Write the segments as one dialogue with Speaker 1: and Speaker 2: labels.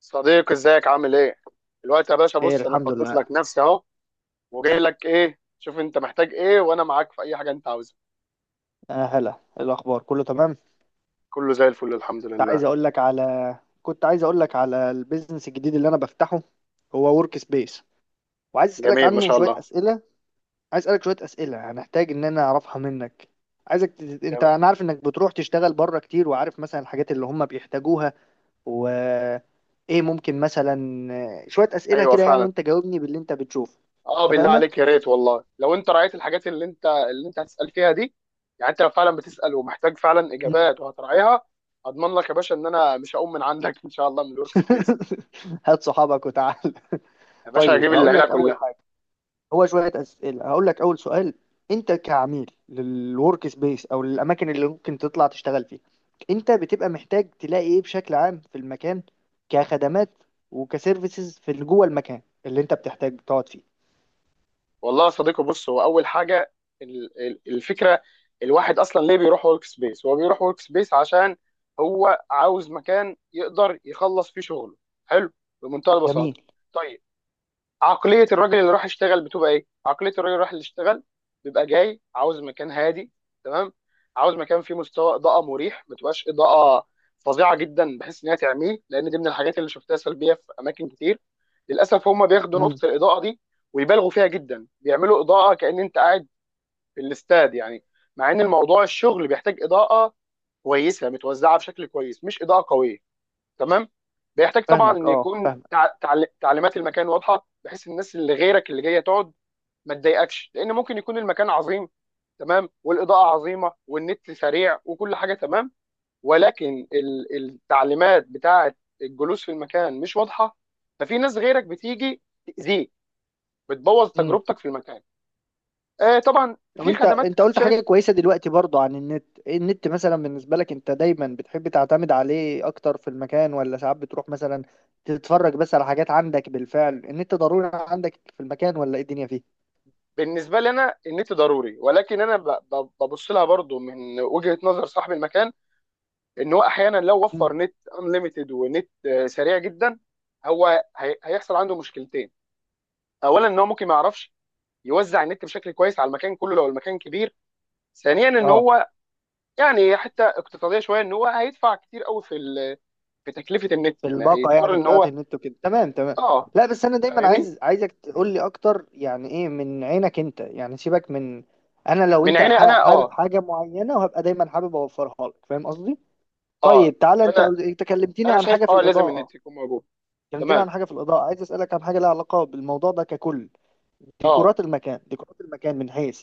Speaker 1: صديقي، ازيك؟ عامل ايه؟ الوقت يا باشا.
Speaker 2: خير
Speaker 1: بص انا
Speaker 2: الحمد
Speaker 1: فضيت لك
Speaker 2: لله.
Speaker 1: نفسي اهو، وجاي لك ايه؟ شوف انت محتاج ايه، وانا معاك في اي حاجه انت عاوزها.
Speaker 2: هلا. إيه الاخبار، كله تمام؟
Speaker 1: كله زي الفل، الحمد
Speaker 2: كنت
Speaker 1: لله.
Speaker 2: عايز اقول لك على كنت عايز اقول لك على البيزنس الجديد اللي انا بفتحه، هو ورك سبيس، وعايز اسالك
Speaker 1: جميل، ما
Speaker 2: عنه
Speaker 1: شاء
Speaker 2: شويه
Speaker 1: الله.
Speaker 2: اسئله. عايز اسالك شويه اسئله هنحتاج ان انا اعرفها منك. انت،
Speaker 1: يا-.
Speaker 2: انا عارف انك بتروح تشتغل بره كتير، وعارف مثلا الحاجات اللي هم بيحتاجوها، و ايه ممكن مثلا. شويه اسئله
Speaker 1: ايوه
Speaker 2: كده يعني،
Speaker 1: فعلا.
Speaker 2: وانت جاوبني باللي انت بتشوفه.
Speaker 1: اه بالله
Speaker 2: اتفقنا.
Speaker 1: عليك، يا ريت والله لو انت راعيت الحاجات اللي انت هتسال فيها دي، يعني انت لو فعلا بتسال ومحتاج فعلا
Speaker 2: مم.
Speaker 1: اجابات وهتراعيها، اضمن لك يا باشا ان انا مش هقوم من عندك ان شاء الله من الورك سبيس.
Speaker 2: هات صحابك وتعال.
Speaker 1: يا باشا هجيب
Speaker 2: طيب هقول
Speaker 1: العيله
Speaker 2: لك اول
Speaker 1: كلها.
Speaker 2: حاجه، هو شوية أسئلة. هقول لك أول سؤال، أنت كعميل للورك سبيس أو للأماكن اللي ممكن تطلع تشتغل فيها، أنت بتبقى محتاج تلاقي إيه بشكل عام في المكان كخدمات وكسيرفيسز في اللي جوه المكان اللي أنت بتحتاج تقعد فيه؟
Speaker 1: والله يا صديقي، بص هو اول حاجه، الفكره، الواحد اصلا ليه بيروح ورك سبيس؟ هو بيروح ورك سبيس عشان هو عاوز مكان يقدر يخلص فيه شغله. حلو، بمنتهى
Speaker 2: جميل.
Speaker 1: البساطه. طيب، عقلية الراجل اللي راح يشتغل بتبقى ايه؟ عقلية الراجل اللي راح يشتغل بيبقى جاي عاوز مكان هادي، تمام؟ عاوز مكان فيه مستوى إضاءة مريح، ما تبقاش إضاءة فظيعة جدا بحيث إن هي تعميه، لأن دي من الحاجات اللي شفتها سلبية في أماكن كتير. للأسف هم بياخدوا
Speaker 2: امم.
Speaker 1: نقطة الإضاءة دي ويبالغوا فيها جدا، بيعملوا إضاءة كأن أنت قاعد في الاستاد يعني. مع إن الموضوع، الشغل بيحتاج إضاءة كويسة متوزعة بشكل كويس، مش إضاءة قوية. تمام. بيحتاج طبعا
Speaker 2: فاهمك،
Speaker 1: ان
Speaker 2: أه
Speaker 1: يكون
Speaker 2: فاهمك.
Speaker 1: تعليمات المكان واضحه، بحيث الناس اللي غيرك اللي جايه تقعد ما تضايقكش، لان ممكن يكون المكان عظيم، تمام، والاضاءه عظيمه، والنت سريع، وكل حاجه تمام، ولكن التعليمات بتاعه الجلوس في المكان مش واضحه، ففي ناس غيرك بتيجي تاذيك، بتبوظ
Speaker 2: امم.
Speaker 1: تجربتك في المكان. آه طبعا
Speaker 2: طب
Speaker 1: في
Speaker 2: انت،
Speaker 1: خدمات
Speaker 2: انت
Speaker 1: انا
Speaker 2: قلت حاجة
Speaker 1: شايف.
Speaker 2: كويسة دلوقتي برضو عن النت، ايه النت مثلا بالنسبة لك؟ انت دايما بتحب تعتمد عليه اكتر في المكان، ولا ساعات بتروح مثلا تتفرج بس على حاجات عندك بالفعل؟ النت ضروري عندك في المكان ولا ايه الدنيا فيه؟
Speaker 1: بالنسبه لي انا النت ضروري، ولكن انا ببص لها برضو من وجهه نظر صاحب المكان، ان هو احيانا لو وفر
Speaker 2: مم.
Speaker 1: نت انليمتد ونت سريع جدا، هو هيحصل عنده مشكلتين. اولا ان هو ممكن ما يعرفش يوزع النت بشكل كويس على المكان كله لو المكان كبير. ثانيا ان
Speaker 2: اه،
Speaker 1: هو يعني حتى اقتصاديه شويه، ان هو هيدفع كتير قوي في في تكلفه النت،
Speaker 2: في
Speaker 1: يعني
Speaker 2: الباقة
Speaker 1: هيضطر
Speaker 2: يعني
Speaker 1: ان
Speaker 2: بتاعت
Speaker 1: هو.
Speaker 2: النت وكده، تمام تمام.
Speaker 1: اه.
Speaker 2: لا بس انا دايما
Speaker 1: فاهمني.
Speaker 2: عايز، عايزك تقول لي اكتر يعني ايه من عينك انت، يعني سيبك من، انا لو
Speaker 1: من
Speaker 2: انت
Speaker 1: عيني انا،
Speaker 2: حابب
Speaker 1: اه.
Speaker 2: حاجة معينة وهبقى دايما حابب اوفرها لك، فاهم قصدي؟
Speaker 1: اه.
Speaker 2: طيب تعالى، انت
Speaker 1: انا
Speaker 2: انت كلمتني
Speaker 1: انا
Speaker 2: عن
Speaker 1: شايف
Speaker 2: حاجة في
Speaker 1: اه لازم
Speaker 2: الإضاءة،
Speaker 1: النت يكون موجود.
Speaker 2: كلمتني
Speaker 1: تمام.
Speaker 2: عن حاجة في الإضاءة، عايز أسألك عن حاجة لها علاقة بالموضوع ده ككل.
Speaker 1: اه
Speaker 2: ديكورات المكان، ديكورات المكان من حيث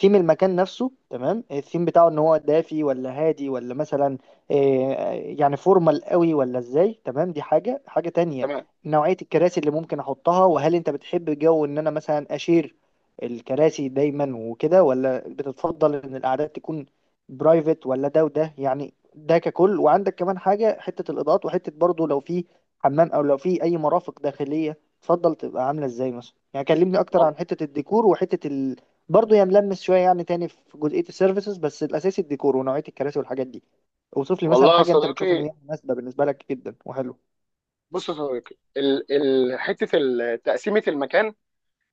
Speaker 2: ثيم المكان نفسه، تمام؟ الثيم بتاعه، ان هو دافي ولا هادي ولا مثلا آه، يعني فورمال قوي ولا ازاي، تمام؟ دي حاجة، حاجة تانية
Speaker 1: تمام.
Speaker 2: نوعية الكراسي اللي ممكن احطها، وهل انت بتحب جو ان انا مثلا اشير الكراسي دايما وكده، ولا بتتفضل ان القعدات تكون برايفت، ولا ده وده، يعني ده ككل. وعندك كمان حاجة، حتة الاضاءات، وحتة برضو لو في حمام او لو في اي مرافق داخلية، تفضل تبقى عامله ازاي مثلا؟ يعني كلمني اكتر
Speaker 1: وال-
Speaker 2: عن حته الديكور وحته برضه يعني ملمس شويه يعني تاني في جزئيه السيرفيسز، بس الاساسي الديكور ونوعيه الكراسي والحاجات دي. اوصف لي مثلا
Speaker 1: والله يا
Speaker 2: حاجه انت بتشوف ان
Speaker 1: صديقي،
Speaker 2: هي مناسبه بالنسبه لك جدا وحلو.
Speaker 1: بص يا صديقي، ال حته تقسيمه المكان،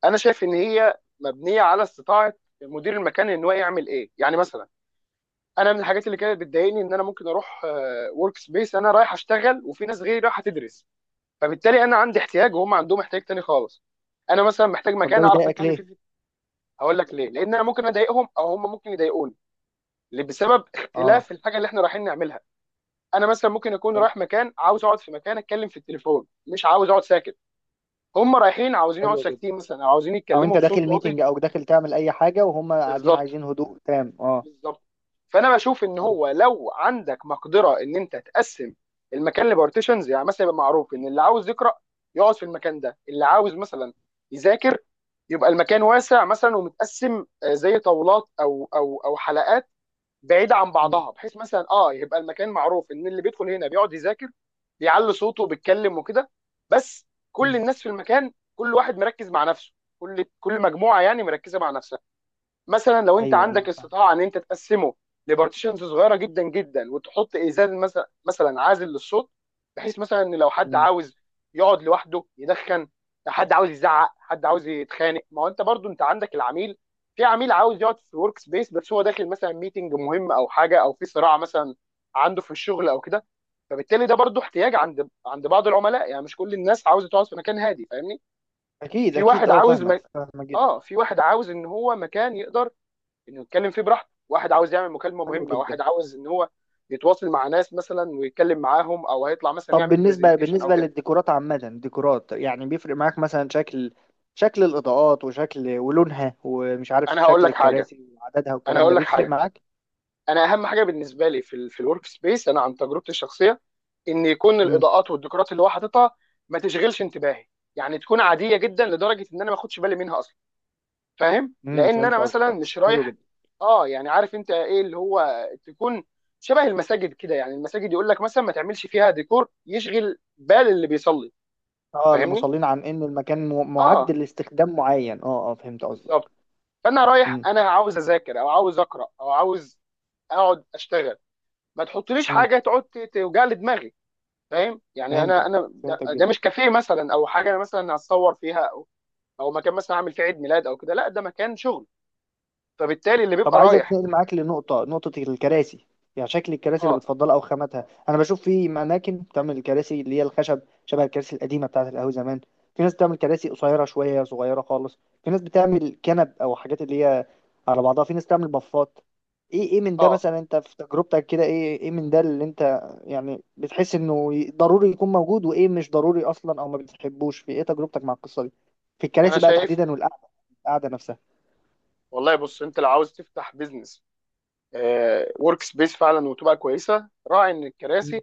Speaker 1: انا شايف ان هي مبنيه على استطاعه مدير المكان ان هو يعمل ايه، يعني مثلا انا من الحاجات اللي كانت بتضايقني ان انا ممكن اروح ورك سبيس انا رايح اشتغل، وفي ناس غيري رايحه تدرس، فبالتالي انا عندي احتياج وهم عندهم احتياج تاني خالص. انا مثلا محتاج
Speaker 2: طب ده
Speaker 1: مكان اعرف
Speaker 2: بيضايقك
Speaker 1: اتكلم فيه.
Speaker 2: ليه؟
Speaker 1: هقول لك ليه، لان انا ممكن اضايقهم او هم ممكن يضايقوني، اللي بسبب
Speaker 2: اه.
Speaker 1: اختلاف الحاجه اللي احنا رايحين نعملها. انا مثلا ممكن اكون
Speaker 2: حلو.
Speaker 1: رايح مكان عاوز اقعد في مكان اتكلم في التليفون، مش عاوز اقعد ساكت. هم رايحين عاوزين يقعدوا
Speaker 2: حلو جدا.
Speaker 1: ساكتين مثلا، او عاوزين
Speaker 2: او
Speaker 1: يتكلموا
Speaker 2: انت
Speaker 1: بصوت
Speaker 2: داخل
Speaker 1: واطي.
Speaker 2: ميتنج او داخل تعمل اي حاجه، وهم قاعدين
Speaker 1: بالظبط،
Speaker 2: عايزين هدوء تام، اه.
Speaker 1: بالظبط. فانا بشوف ان
Speaker 2: ايوه.
Speaker 1: هو لو عندك مقدره ان انت تقسم المكان لبارتيشنز، يعني مثلا يبقى معروف ان اللي عاوز يقرا يقعد في المكان ده، اللي عاوز مثلا يذاكر يبقى المكان واسع مثلا ومتقسم، زي طاولات او حلقات بعيده عن
Speaker 2: مم.
Speaker 1: بعضها، بحيث مثلا اه يبقى المكان معروف ان اللي بيدخل هنا بيقعد يذاكر، بيعلي صوته وبيتكلم وكده، بس كل
Speaker 2: مم.
Speaker 1: الناس في المكان كل واحد مركز مع نفسه، كل مجموعه يعني مركزه مع نفسها. مثلا لو انت
Speaker 2: ايوه ايوه
Speaker 1: عندك
Speaker 2: فاهمك.
Speaker 1: استطاعه ان انت تقسمه لبارتيشنز صغيره جدا جدا، وتحط ازاز مثلا عازل للصوت، بحيث مثلا ان لو حد
Speaker 2: مم.
Speaker 1: عاوز يقعد لوحده يدخن، حد عاوز يزعق، حد عاوز يتخانق. ما هو انت برضو انت عندك العميل، في عميل عاوز يقعد في ورك سبيس بس هو داخل مثلا ميتنج مهم او حاجه، او في صراع مثلا عنده في الشغل او كده. فبالتالي ده برضو احتياج عند بعض العملاء، يعني مش كل الناس عاوزه تقعد في مكان هادي، فاهمني؟
Speaker 2: اكيد
Speaker 1: في
Speaker 2: اكيد،
Speaker 1: واحد
Speaker 2: اه
Speaker 1: عاوز
Speaker 2: فاهمك،
Speaker 1: م...
Speaker 2: فاهمك جدا.
Speaker 1: اه في واحد عاوز ان هو مكان يقدر انه يتكلم فيه براحته، واحد عاوز يعمل مكالمه
Speaker 2: حلو
Speaker 1: مهمه،
Speaker 2: جدا.
Speaker 1: واحد عاوز ان هو يتواصل مع ناس مثلا ويتكلم معاهم، او هيطلع مثلا
Speaker 2: طب
Speaker 1: يعمل
Speaker 2: بالنسبة،
Speaker 1: برزنتيشن او
Speaker 2: بالنسبة
Speaker 1: كده.
Speaker 2: للديكورات عامة، ديكورات يعني بيفرق معاك مثلا شكل، شكل الإضاءات وشكل ولونها ومش عارف
Speaker 1: انا هقول
Speaker 2: شكل
Speaker 1: لك حاجه
Speaker 2: الكراسي وعددها
Speaker 1: انا
Speaker 2: والكلام
Speaker 1: هقول
Speaker 2: ده،
Speaker 1: لك
Speaker 2: بيفرق
Speaker 1: حاجه،
Speaker 2: معاك؟
Speaker 1: انا اهم حاجه بالنسبه لي في في الورك سبيس، انا عن تجربتي الشخصيه، ان يكون
Speaker 2: امم.
Speaker 1: الاضاءات والديكورات اللي هو حاططها ما تشغلش انتباهي، يعني تكون عاديه جدا لدرجه ان انا ما اخدش بالي منها اصلا، فاهم؟ لان
Speaker 2: فهمت
Speaker 1: انا مثلا
Speaker 2: قصدك.
Speaker 1: مش
Speaker 2: حلو
Speaker 1: رايح.
Speaker 2: جدا.
Speaker 1: اه يعني عارف انت ايه اللي هو، تكون شبه المساجد كده، يعني المساجد يقول لك مثلا ما تعملش فيها ديكور يشغل بال اللي بيصلي،
Speaker 2: اه
Speaker 1: فاهمني؟
Speaker 2: المصلين، عن إن المكان معد
Speaker 1: اه
Speaker 2: لاستخدام معين، اه اه فهمت
Speaker 1: بالظبط.
Speaker 2: قصدك.
Speaker 1: فانا رايح
Speaker 2: امم.
Speaker 1: انا عاوز اذاكر، او عاوز اقرا، او عاوز اقعد اشتغل، ما تحطليش
Speaker 2: امم
Speaker 1: حاجه تقعد توجع لي دماغي، فاهم؟ يعني انا
Speaker 2: فهمتك،
Speaker 1: انا ده,
Speaker 2: فهمتك
Speaker 1: ده
Speaker 2: جدا.
Speaker 1: مش كافيه مثلا، او حاجه انا مثلا هتصور فيها، او او مكان مثلا اعمل فيه عيد ميلاد او كده، لا ده مكان شغل، فبالتالي اللي
Speaker 2: طب
Speaker 1: بيبقى
Speaker 2: عايز
Speaker 1: رايح.
Speaker 2: اتنقل معاك لنقطة، نقطة الكراسي، يعني شكل الكراسي اللي
Speaker 1: اه.
Speaker 2: بتفضلها أو خاماتها. أنا بشوف في أماكن بتعمل الكراسي اللي هي الخشب، شبه الكراسي القديمة بتاعة القهوة زمان. في ناس بتعمل كراسي قصيرة شوية صغيرة خالص. في ناس بتعمل كنب أو حاجات اللي هي على بعضها. في ناس تعمل بفات. إيه، إيه من ده
Speaker 1: اه.
Speaker 2: مثلا أنت في تجربتك كده؟ إيه إيه من ده اللي أنت يعني بتحس إنه ضروري يكون موجود، وإيه مش ضروري أصلا أو ما بتحبوش في إيه تجربتك مع القصة دي في
Speaker 1: انا
Speaker 2: الكراسي بقى
Speaker 1: شايف.
Speaker 2: تحديدا، والقعدة، القعدة نفسها؟
Speaker 1: والله بص انت لو عاوز تفتح بيزنس ورك سبيس فعلا وتبقى كويسه، راعي ان الكراسي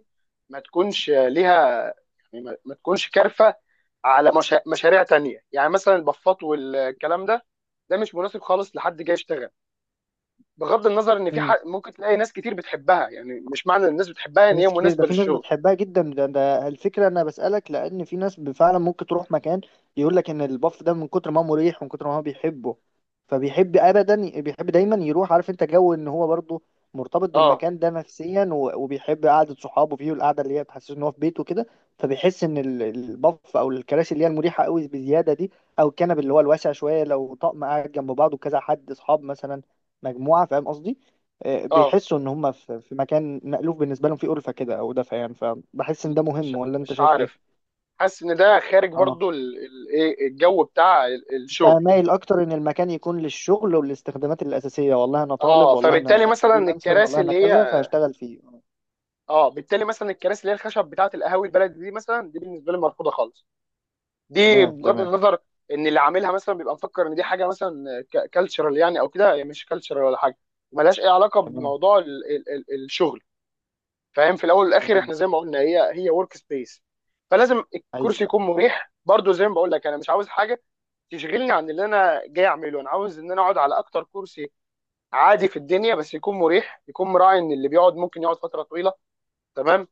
Speaker 1: ما تكونش ليها، يعني ما تكونش كارفه على مشا... مشاريع تانية، يعني مثلا البفات والكلام ده، ده مش مناسب خالص لحد جاي يشتغل، بغض النظر ان في حق ممكن تلاقي ناس كتير بتحبها، يعني مش معنى ان الناس بتحبها
Speaker 2: في
Speaker 1: ان هي
Speaker 2: ناس كتير، ده
Speaker 1: مناسبه
Speaker 2: في ناس
Speaker 1: للشغل.
Speaker 2: بتحبها جدا، ده الفكرة، أنا بسألك لأن في ناس فعلا ممكن تروح مكان يقول لك إن البف ده من كتر ما هو مريح ومن كتر ما هو بيحبه، فبيحب أبدا، بيحب دايما يروح، عارف أنت جو إن هو برضه مرتبط
Speaker 1: اه.
Speaker 2: بالمكان ده نفسيا، وبيحب قعدة صحابه فيه، والقعدة اللي هي تحسسه إن هو في بيته كده، فبيحس إن البف أو الكراسي اللي هي المريحة قوي بزيادة دي، أو الكنب اللي هو الواسع شوية لو طقم قاعد جنب بعضه كذا حد أصحاب مثلا مجموعة، فاهم قصدي؟
Speaker 1: اه.
Speaker 2: بيحسوا ان هم في، في مكان مألوف بالنسبه لهم، في ألفة كده او دفء يعني، فبحس
Speaker 1: م-
Speaker 2: ان ده
Speaker 1: مش
Speaker 2: مهم، ولا انت
Speaker 1: مش
Speaker 2: شايف ايه؟
Speaker 1: عارف، حاسس ان ده خارج
Speaker 2: اه.
Speaker 1: برضو ايه الجو بتاع
Speaker 2: انت
Speaker 1: الشغل.
Speaker 2: مايل اكتر ان المكان يكون للشغل والاستخدامات الاساسيه، والله انا طالب،
Speaker 1: اه
Speaker 2: والله
Speaker 1: فبالتالي
Speaker 2: انا
Speaker 1: مثلا
Speaker 2: فريلانسر،
Speaker 1: الكراسي
Speaker 2: والله انا
Speaker 1: اللي هي،
Speaker 2: كذا فهشتغل فيه
Speaker 1: اه بالتالي مثلا الكراسي اللي هي الخشب بتاعه القهاوي البلدي دي مثلا، دي بالنسبه لي مرفوضه خالص. دي
Speaker 2: تمام
Speaker 1: بغض
Speaker 2: تمام،
Speaker 1: النظر ان اللي عاملها مثلا بيبقى مفكر ان دي حاجه مثلا كالتشرال يعني او كده، هي مش كالتشرال ولا حاجه، ملهاش اي علاقه
Speaker 2: تمام
Speaker 1: بموضوع ال الشغل، فاهم؟ في الاول والاخر
Speaker 2: تمام.
Speaker 1: احنا زي ما قلنا هي هي ورك سبيس، فلازم الكرسي
Speaker 2: ايوه.
Speaker 1: يكون مريح. برضو زي ما بقول لك انا مش عاوز حاجه تشغلني عن اللي انا جاي اعمله، انا عاوز ان انا اقعد على اكتر كرسي عادي في الدنيا، بس يكون مريح، يكون مراعي ان اللي بيقعد ممكن يقعد فتره طويله. تمام.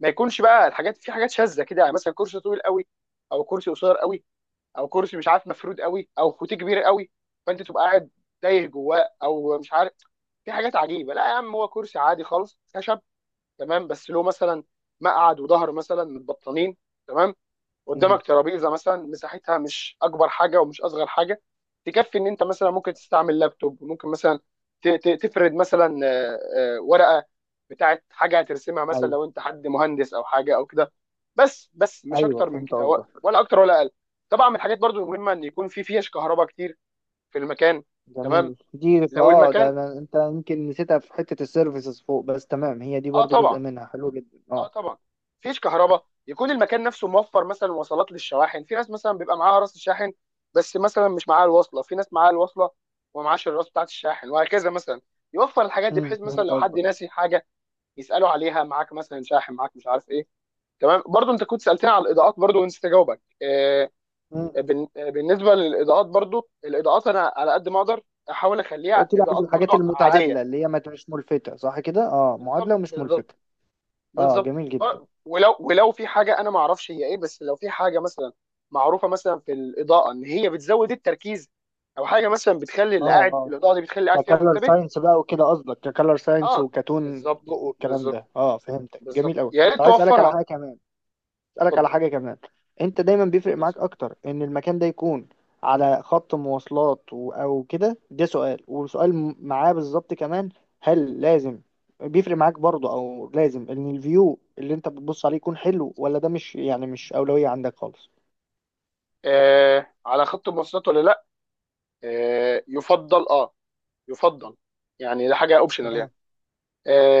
Speaker 1: ما يكونش بقى الحاجات، في حاجات شاذه كده، يعني مثلا كرسي طويل قوي او كرسي قصير قوي، او كرسي مش عارف مفرود قوي، او فوتيه كبير قوي، فانت تبقى قاعد تايه جواه، او مش عارف. في حاجات عجيبه، لا يا عم، هو كرسي عادي خالص خشب، تمام، بس له مثلا مقعد وظهر مثلا متبطنين، تمام،
Speaker 2: امم.
Speaker 1: قدامك ترابيزه مثلا مساحتها مش اكبر حاجه ومش اصغر حاجه، تكفي ان انت مثلا ممكن تستعمل لابتوب، ممكن مثلا تفرد مثلا ورقه بتاعت حاجه هترسمها مثلا
Speaker 2: ايوه
Speaker 1: لو انت حد مهندس او حاجه او كده، بس مش
Speaker 2: ايوه
Speaker 1: اكتر من
Speaker 2: فهمت
Speaker 1: كده،
Speaker 2: قصدك.
Speaker 1: ولا اكتر ولا اقل. طبعا من الحاجات برضو المهمه ان يكون في فيش كهرباء كتير في المكان. تمام
Speaker 2: جميل، دي
Speaker 1: لو
Speaker 2: اه ده،
Speaker 1: المكان،
Speaker 2: أنا انت يمكن نسيتها في حته السيرفيسز فوق، بس تمام هي دي
Speaker 1: اه
Speaker 2: برضو جزء
Speaker 1: طبعا،
Speaker 2: منها، حلو جدا
Speaker 1: اه
Speaker 2: اه.
Speaker 1: طبعا. مفيش كهرباء، يكون المكان نفسه موفر مثلا وصلات للشواحن. في ناس مثلا بيبقى معاها راس الشاحن بس مثلا مش معاها الوصله، في ناس معاها الوصله ومعاش الراس بتاعت الشاحن، وهكذا. مثلا يوفر الحاجات دي، بحيث مثلا
Speaker 2: فهمت
Speaker 1: لو حد
Speaker 2: قصدك.
Speaker 1: ناسي حاجه يسالوا عليها، معاك مثلا شاحن؟ معاك مش عارف ايه؟ تمام. برضو انت كنت سالتني على الاضاءات برضو ونسيت اجاوبك،
Speaker 2: أمم.
Speaker 1: بالنسبه للاضاءات برضو، الاضاءات انا على قد ما اقدر احاول اخليها
Speaker 2: قلت لي عايز
Speaker 1: اضاءات برضو
Speaker 2: الحاجات
Speaker 1: عاديه.
Speaker 2: المتعادله اللي هي ما تبقاش ملفته، صح كده؟ اه، معادله
Speaker 1: بالظبط،
Speaker 2: ومش
Speaker 1: بالظبط،
Speaker 2: ملفته، اه.
Speaker 1: بالظبط.
Speaker 2: جميل جدا
Speaker 1: ولو في حاجه انا ما اعرفش هي ايه، بس لو في حاجه مثلا معروفه مثلا في الاضاءه ان هي بتزود التركيز، او حاجه مثلا بتخلي اللي
Speaker 2: اه.
Speaker 1: قاعد،
Speaker 2: اه
Speaker 1: الاضاءه دي بتخلي اللي قاعد فيها
Speaker 2: ككلر
Speaker 1: منتبه.
Speaker 2: ساينس بقى وكده قصدك، ككلر ساينس
Speaker 1: اه
Speaker 2: وكتون
Speaker 1: بالظبط،
Speaker 2: ضوء والكلام
Speaker 1: بالظبط،
Speaker 2: ده، اه فهمتك،
Speaker 1: بالظبط،
Speaker 2: جميل قوي.
Speaker 1: يا ريت
Speaker 2: طب عايز اسالك على
Speaker 1: توفرها.
Speaker 2: حاجه كمان، اسالك على
Speaker 1: اتفضل،
Speaker 2: حاجه كمان، انت دايما بيفرق
Speaker 1: اتفضل،
Speaker 2: معاك
Speaker 1: اتفضل.
Speaker 2: اكتر ان المكان ده يكون على خط مواصلات او كده، ده سؤال. وسؤال معاه بالظبط كمان، هل لازم، بيفرق معاك برضه او لازم ان الفيو اللي انت بتبص عليه يكون حلو، ولا ده مش يعني مش اولويه عندك خالص؟
Speaker 1: آه على خط المواصلات ولا لا، آه يفضل اه، يفضل، يعني ده حاجه اوبشنال
Speaker 2: تمام.
Speaker 1: يعني.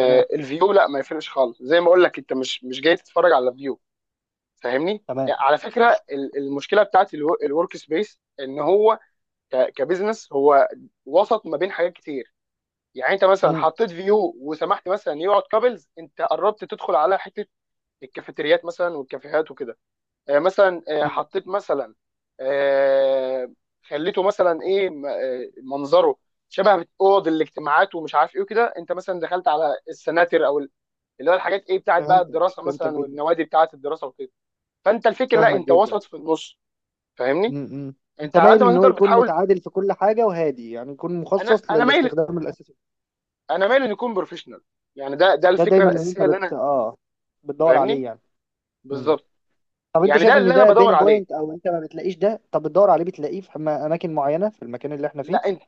Speaker 2: تمام.
Speaker 1: الفيو لا ما يفرقش خالص، زي ما اقول لك انت مش مش جاي تتفرج على فيو. فاهمني؟
Speaker 2: تمام.
Speaker 1: على فكره المشكله بتاعت الورك سبيس ان هو كبزنس، هو وسط ما بين حاجات كتير، يعني انت مثلا
Speaker 2: امم.
Speaker 1: حطيت فيو وسمحت مثلا يقعد كابلز، انت قربت تدخل على حته الكافيتريات مثلا والكافيهات وكده. مثلا
Speaker 2: امم
Speaker 1: حطيت مثلا، آه، خليته مثلا ايه منظره شبه اوض الاجتماعات ومش عارف ايه وكده، انت مثلا دخلت على السناتر او اللي هو الحاجات ايه بتاعت بقى
Speaker 2: فهمتك،
Speaker 1: الدراسه
Speaker 2: فهمتك
Speaker 1: مثلا
Speaker 2: جدا.
Speaker 1: والنوادي بتاعت الدراسه وكده، فانت الفكر لا،
Speaker 2: فاهمك
Speaker 1: انت
Speaker 2: جدا.
Speaker 1: وسط في النص، فاهمني؟
Speaker 2: امم. امم. انت
Speaker 1: انت على
Speaker 2: مايل
Speaker 1: قد ما
Speaker 2: ان هو
Speaker 1: تقدر
Speaker 2: يكون
Speaker 1: بتحاول.
Speaker 2: متعادل في كل حاجه وهادي، يعني يكون مخصص
Speaker 1: انا مايل،
Speaker 2: للاستخدام الاساسي،
Speaker 1: انا مايل ان يكون بروفيشنال، يعني ده ده
Speaker 2: ده
Speaker 1: الفكره
Speaker 2: دايما اللي انت
Speaker 1: الاساسيه اللي
Speaker 2: بت
Speaker 1: انا،
Speaker 2: اه بتدور
Speaker 1: فاهمني؟
Speaker 2: عليه يعني. امم.
Speaker 1: بالظبط،
Speaker 2: طب انت
Speaker 1: يعني
Speaker 2: شايف
Speaker 1: ده
Speaker 2: ان
Speaker 1: اللي انا
Speaker 2: ده
Speaker 1: بدور
Speaker 2: بين
Speaker 1: عليه.
Speaker 2: بوينت، او انت ما بتلاقيش ده، طب بتدور عليه بتلاقيه في اماكن معينه في المكان اللي احنا فيه؟
Speaker 1: لا انت،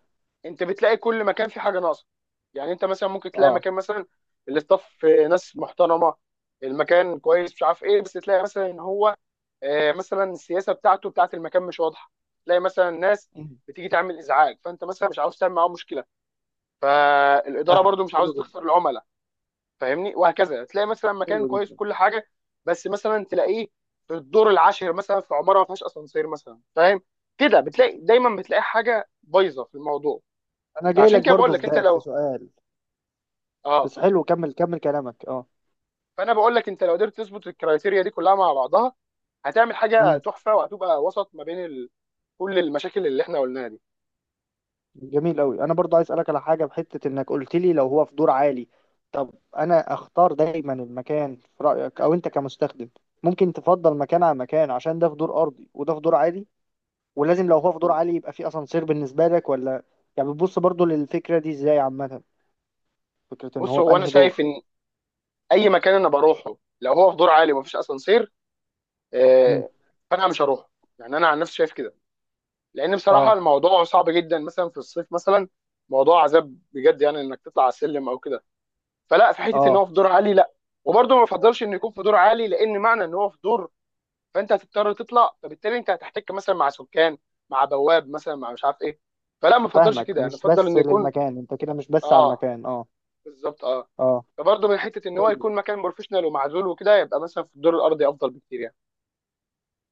Speaker 1: انت بتلاقي كل مكان في حاجه ناقصه، يعني انت مثلا ممكن تلاقي
Speaker 2: اه.
Speaker 1: مكان مثلا الاستاف ناس محترمه، المكان كويس مش عارف ايه، بس تلاقي مثلا ان هو مثلا السياسه بتاعته بتاعت المكان مش واضحه، تلاقي مثلا ناس
Speaker 2: امم
Speaker 1: بتيجي تعمل ازعاج، فانت مثلا مش عاوز تعمل معاهم مشكله، فالاداره
Speaker 2: فاهمك،
Speaker 1: برضو مش
Speaker 2: حلو
Speaker 1: عاوزه
Speaker 2: جدا.
Speaker 1: تخسر العملاء، فاهمني؟ وهكذا. تلاقي مثلا مكان
Speaker 2: حلو
Speaker 1: كويس
Speaker 2: جدا.
Speaker 1: وكل حاجه، بس مثلا تلاقيه في الدور العاشر مثلا في عماره ما فيهاش اسانسير مثلا، فاهم كده؟
Speaker 2: مم.
Speaker 1: بتلاقي دايما بتلاقي حاجه بايظه في الموضوع.
Speaker 2: انا جاي لك
Speaker 1: فعشان كده بقول
Speaker 2: برضو في
Speaker 1: لك انت
Speaker 2: ده في
Speaker 1: لو
Speaker 2: سؤال،
Speaker 1: اه،
Speaker 2: بس حلو كمل، كمل كلامك اه.
Speaker 1: فانا بقول لك انت لو قدرت تظبط الكرايتيريا دي كلها مع بعضها، هتعمل حاجه
Speaker 2: امم.
Speaker 1: تحفه، وهتبقى وسط ما بين ال... كل المشاكل اللي احنا قلناها دي.
Speaker 2: جميل قوي. انا برضو عايز اسالك على حاجه بحته، انك قلت لي لو هو في دور عالي، طب انا اختار دايما المكان في رايك، او انت كمستخدم ممكن تفضل مكان على مكان عشان ده في دور ارضي وده في دور عالي؟ ولازم لو هو في دور عالي يبقى في اسانسير بالنسبه لك، ولا يعني بتبص برضو للفكره دي ازاي عامه، فكره ان
Speaker 1: بص
Speaker 2: هو في
Speaker 1: هو انا
Speaker 2: انهي
Speaker 1: شايف
Speaker 2: دور؟
Speaker 1: ان اي مكان انا بروحه لو هو في دور عالي ومفيش اسانسير،
Speaker 2: مم.
Speaker 1: آه، فانا مش هروح، يعني انا عن نفسي شايف كده، لان بصراحه
Speaker 2: اه.
Speaker 1: الموضوع صعب جدا مثلا في الصيف مثلا، موضوع عذاب بجد يعني، انك تطلع على السلم او كده. فلا، في حته ان هو
Speaker 2: اه
Speaker 1: في دور عالي لا. وبرضه ما بفضلش انه يكون في دور عالي، لان معنى ان هو في دور، فانت هتضطر تطلع، فبالتالي انت هتحتك مثلا مع سكان، مع بواب مثلا، مع مش عارف ايه، فلا ما بفضلش
Speaker 2: فاهمك،
Speaker 1: كده، يعني
Speaker 2: مش
Speaker 1: افضل
Speaker 2: بس
Speaker 1: انه يكون،
Speaker 2: للمكان انت كده، مش بس على
Speaker 1: اه
Speaker 2: المكان اه.
Speaker 1: بالظبط اه.
Speaker 2: اه.
Speaker 1: فبرضه من حته ان هو
Speaker 2: طيب.
Speaker 1: يكون مكان بروفيشنال ومعزول وكده، يبقى مثلا في الدور الارضي افضل بكتير يعني.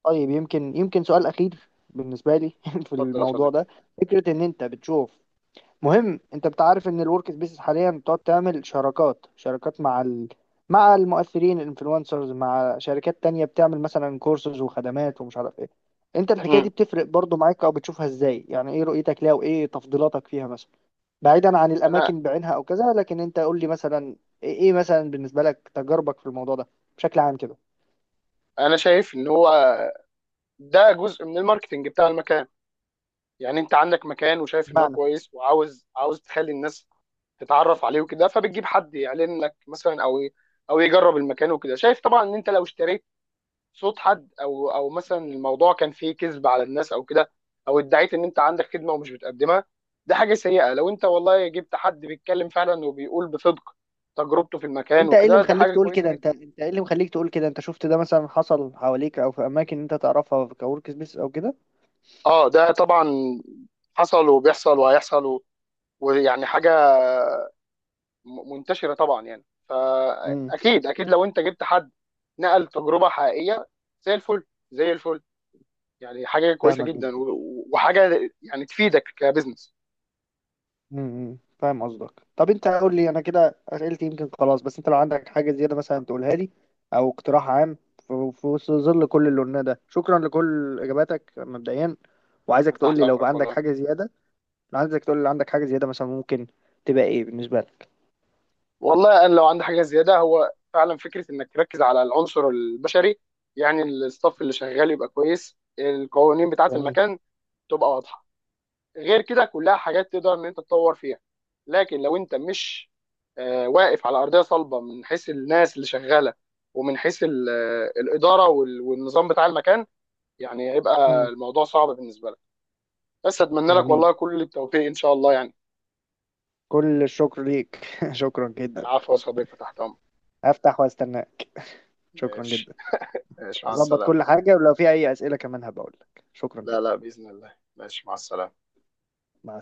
Speaker 2: طيب يمكن، يمكن سؤال اخير بالنسبه لي في
Speaker 1: اتفضل يا
Speaker 2: الموضوع
Speaker 1: صديقي.
Speaker 2: ده، فكرة إن أنت بتشوف مهم، انت بتعرف ان الورك سبيسز حاليا بتقعد تعمل شراكات، شراكات مع مع المؤثرين الانفلونسرز، مع شركات تانية بتعمل مثلا كورسز وخدمات ومش عارف ايه، انت الحكاية دي
Speaker 1: مم.
Speaker 2: بتفرق برضو معاك او بتشوفها ازاي؟ يعني ايه رؤيتك ليها وايه تفضيلاتك فيها مثلا، بعيدا عن
Speaker 1: انا
Speaker 2: الاماكن بعينها او كذا، لكن انت قول لي مثلا ايه، إيه مثلا بالنسبة لك تجاربك في الموضوع ده بشكل عام كده.
Speaker 1: انا شايف ان هو ده جزء من الماركتنج بتاع المكان، يعني انت عندك مكان وشايف ان هو
Speaker 2: بمعنى،
Speaker 1: كويس، وعاوز تخلي الناس تتعرف عليه وكده، فبتجيب حد يعلن لك مثلا، او او يجرب المكان وكده. شايف طبعا ان انت لو اشتريت صوت حد، او مثلا الموضوع كان فيه كذب على الناس او كده، او ادعيت ان انت عندك خدمه ومش بتقدمها، ده حاجه سيئه. لو انت والله جبت حد بيتكلم فعلا وبيقول بصدق تجربته في المكان
Speaker 2: وانت ايه اللي
Speaker 1: وكده، ده
Speaker 2: مخليك
Speaker 1: حاجه
Speaker 2: تقول
Speaker 1: كويسه
Speaker 2: كده؟ انت،
Speaker 1: جدا.
Speaker 2: انت ايه اللي مخليك تقول كده؟ انت شفت ده مثلا حصل حواليك او في اماكن انت تعرفها كورك سبيس او
Speaker 1: اه ده طبعا حصل وبيحصل وهيحصل، ويعني حاجه منتشره طبعا يعني.
Speaker 2: كده؟
Speaker 1: فاكيد، اكيد لو انت جبت حد نقل تجربه حقيقيه، زي الفل زي الفل، يعني حاجه كويسه
Speaker 2: فاهمك
Speaker 1: جدا،
Speaker 2: جدا.
Speaker 1: وحاجه يعني تفيدك كبزنس.
Speaker 2: فاهم قصدك. طب انت قول لي، انا كده اسئلتي يمكن خلاص، بس انت لو عندك حاجه زياده مثلا تقولها لي او اقتراح عام في، في وسط ظل كل اللي قلناه ده. شكرا لكل اجاباتك مبدئيا، وعايزك تقول
Speaker 1: تحت
Speaker 2: لي لو بقى
Speaker 1: امرك
Speaker 2: عندك
Speaker 1: والله.
Speaker 2: حاجه زياده، لو عايزك تقول لي لو عندك حاجه زياده مثلا، ممكن تبقى ايه بالنسبه لك؟
Speaker 1: والله انا لو عندي حاجه زياده، هو فعلا فكره انك تركز على العنصر البشري، يعني الستاف اللي شغال يبقى كويس، القوانين بتاعه
Speaker 2: جميل.
Speaker 1: المكان تبقى واضحه، غير كده كلها حاجات تقدر ان انت تطور فيها. لكن لو انت مش واقف على ارضيه صلبه من حيث الناس اللي شغاله، ومن حيث الاداره والنظام بتاع المكان، يعني هيبقى
Speaker 2: امم.
Speaker 1: الموضوع صعب بالنسبه لك. بس اتمنى لك
Speaker 2: جميل.
Speaker 1: والله كل التوفيق ان شاء الله يعني.
Speaker 2: كل الشكر ليك. شكرا جدا.
Speaker 1: العفو يا صديقي، تحت امرك.
Speaker 2: هفتح واستناك. شكرا
Speaker 1: ماشي.
Speaker 2: جدا.
Speaker 1: ماشي مع
Speaker 2: اظبط
Speaker 1: السلامه.
Speaker 2: كل حاجه، ولو في اي اسئله كمان هبقول لك، شكرا
Speaker 1: لا لا
Speaker 2: جدا.
Speaker 1: باذن الله، ماشي مع السلامه.
Speaker 2: مع السلامه.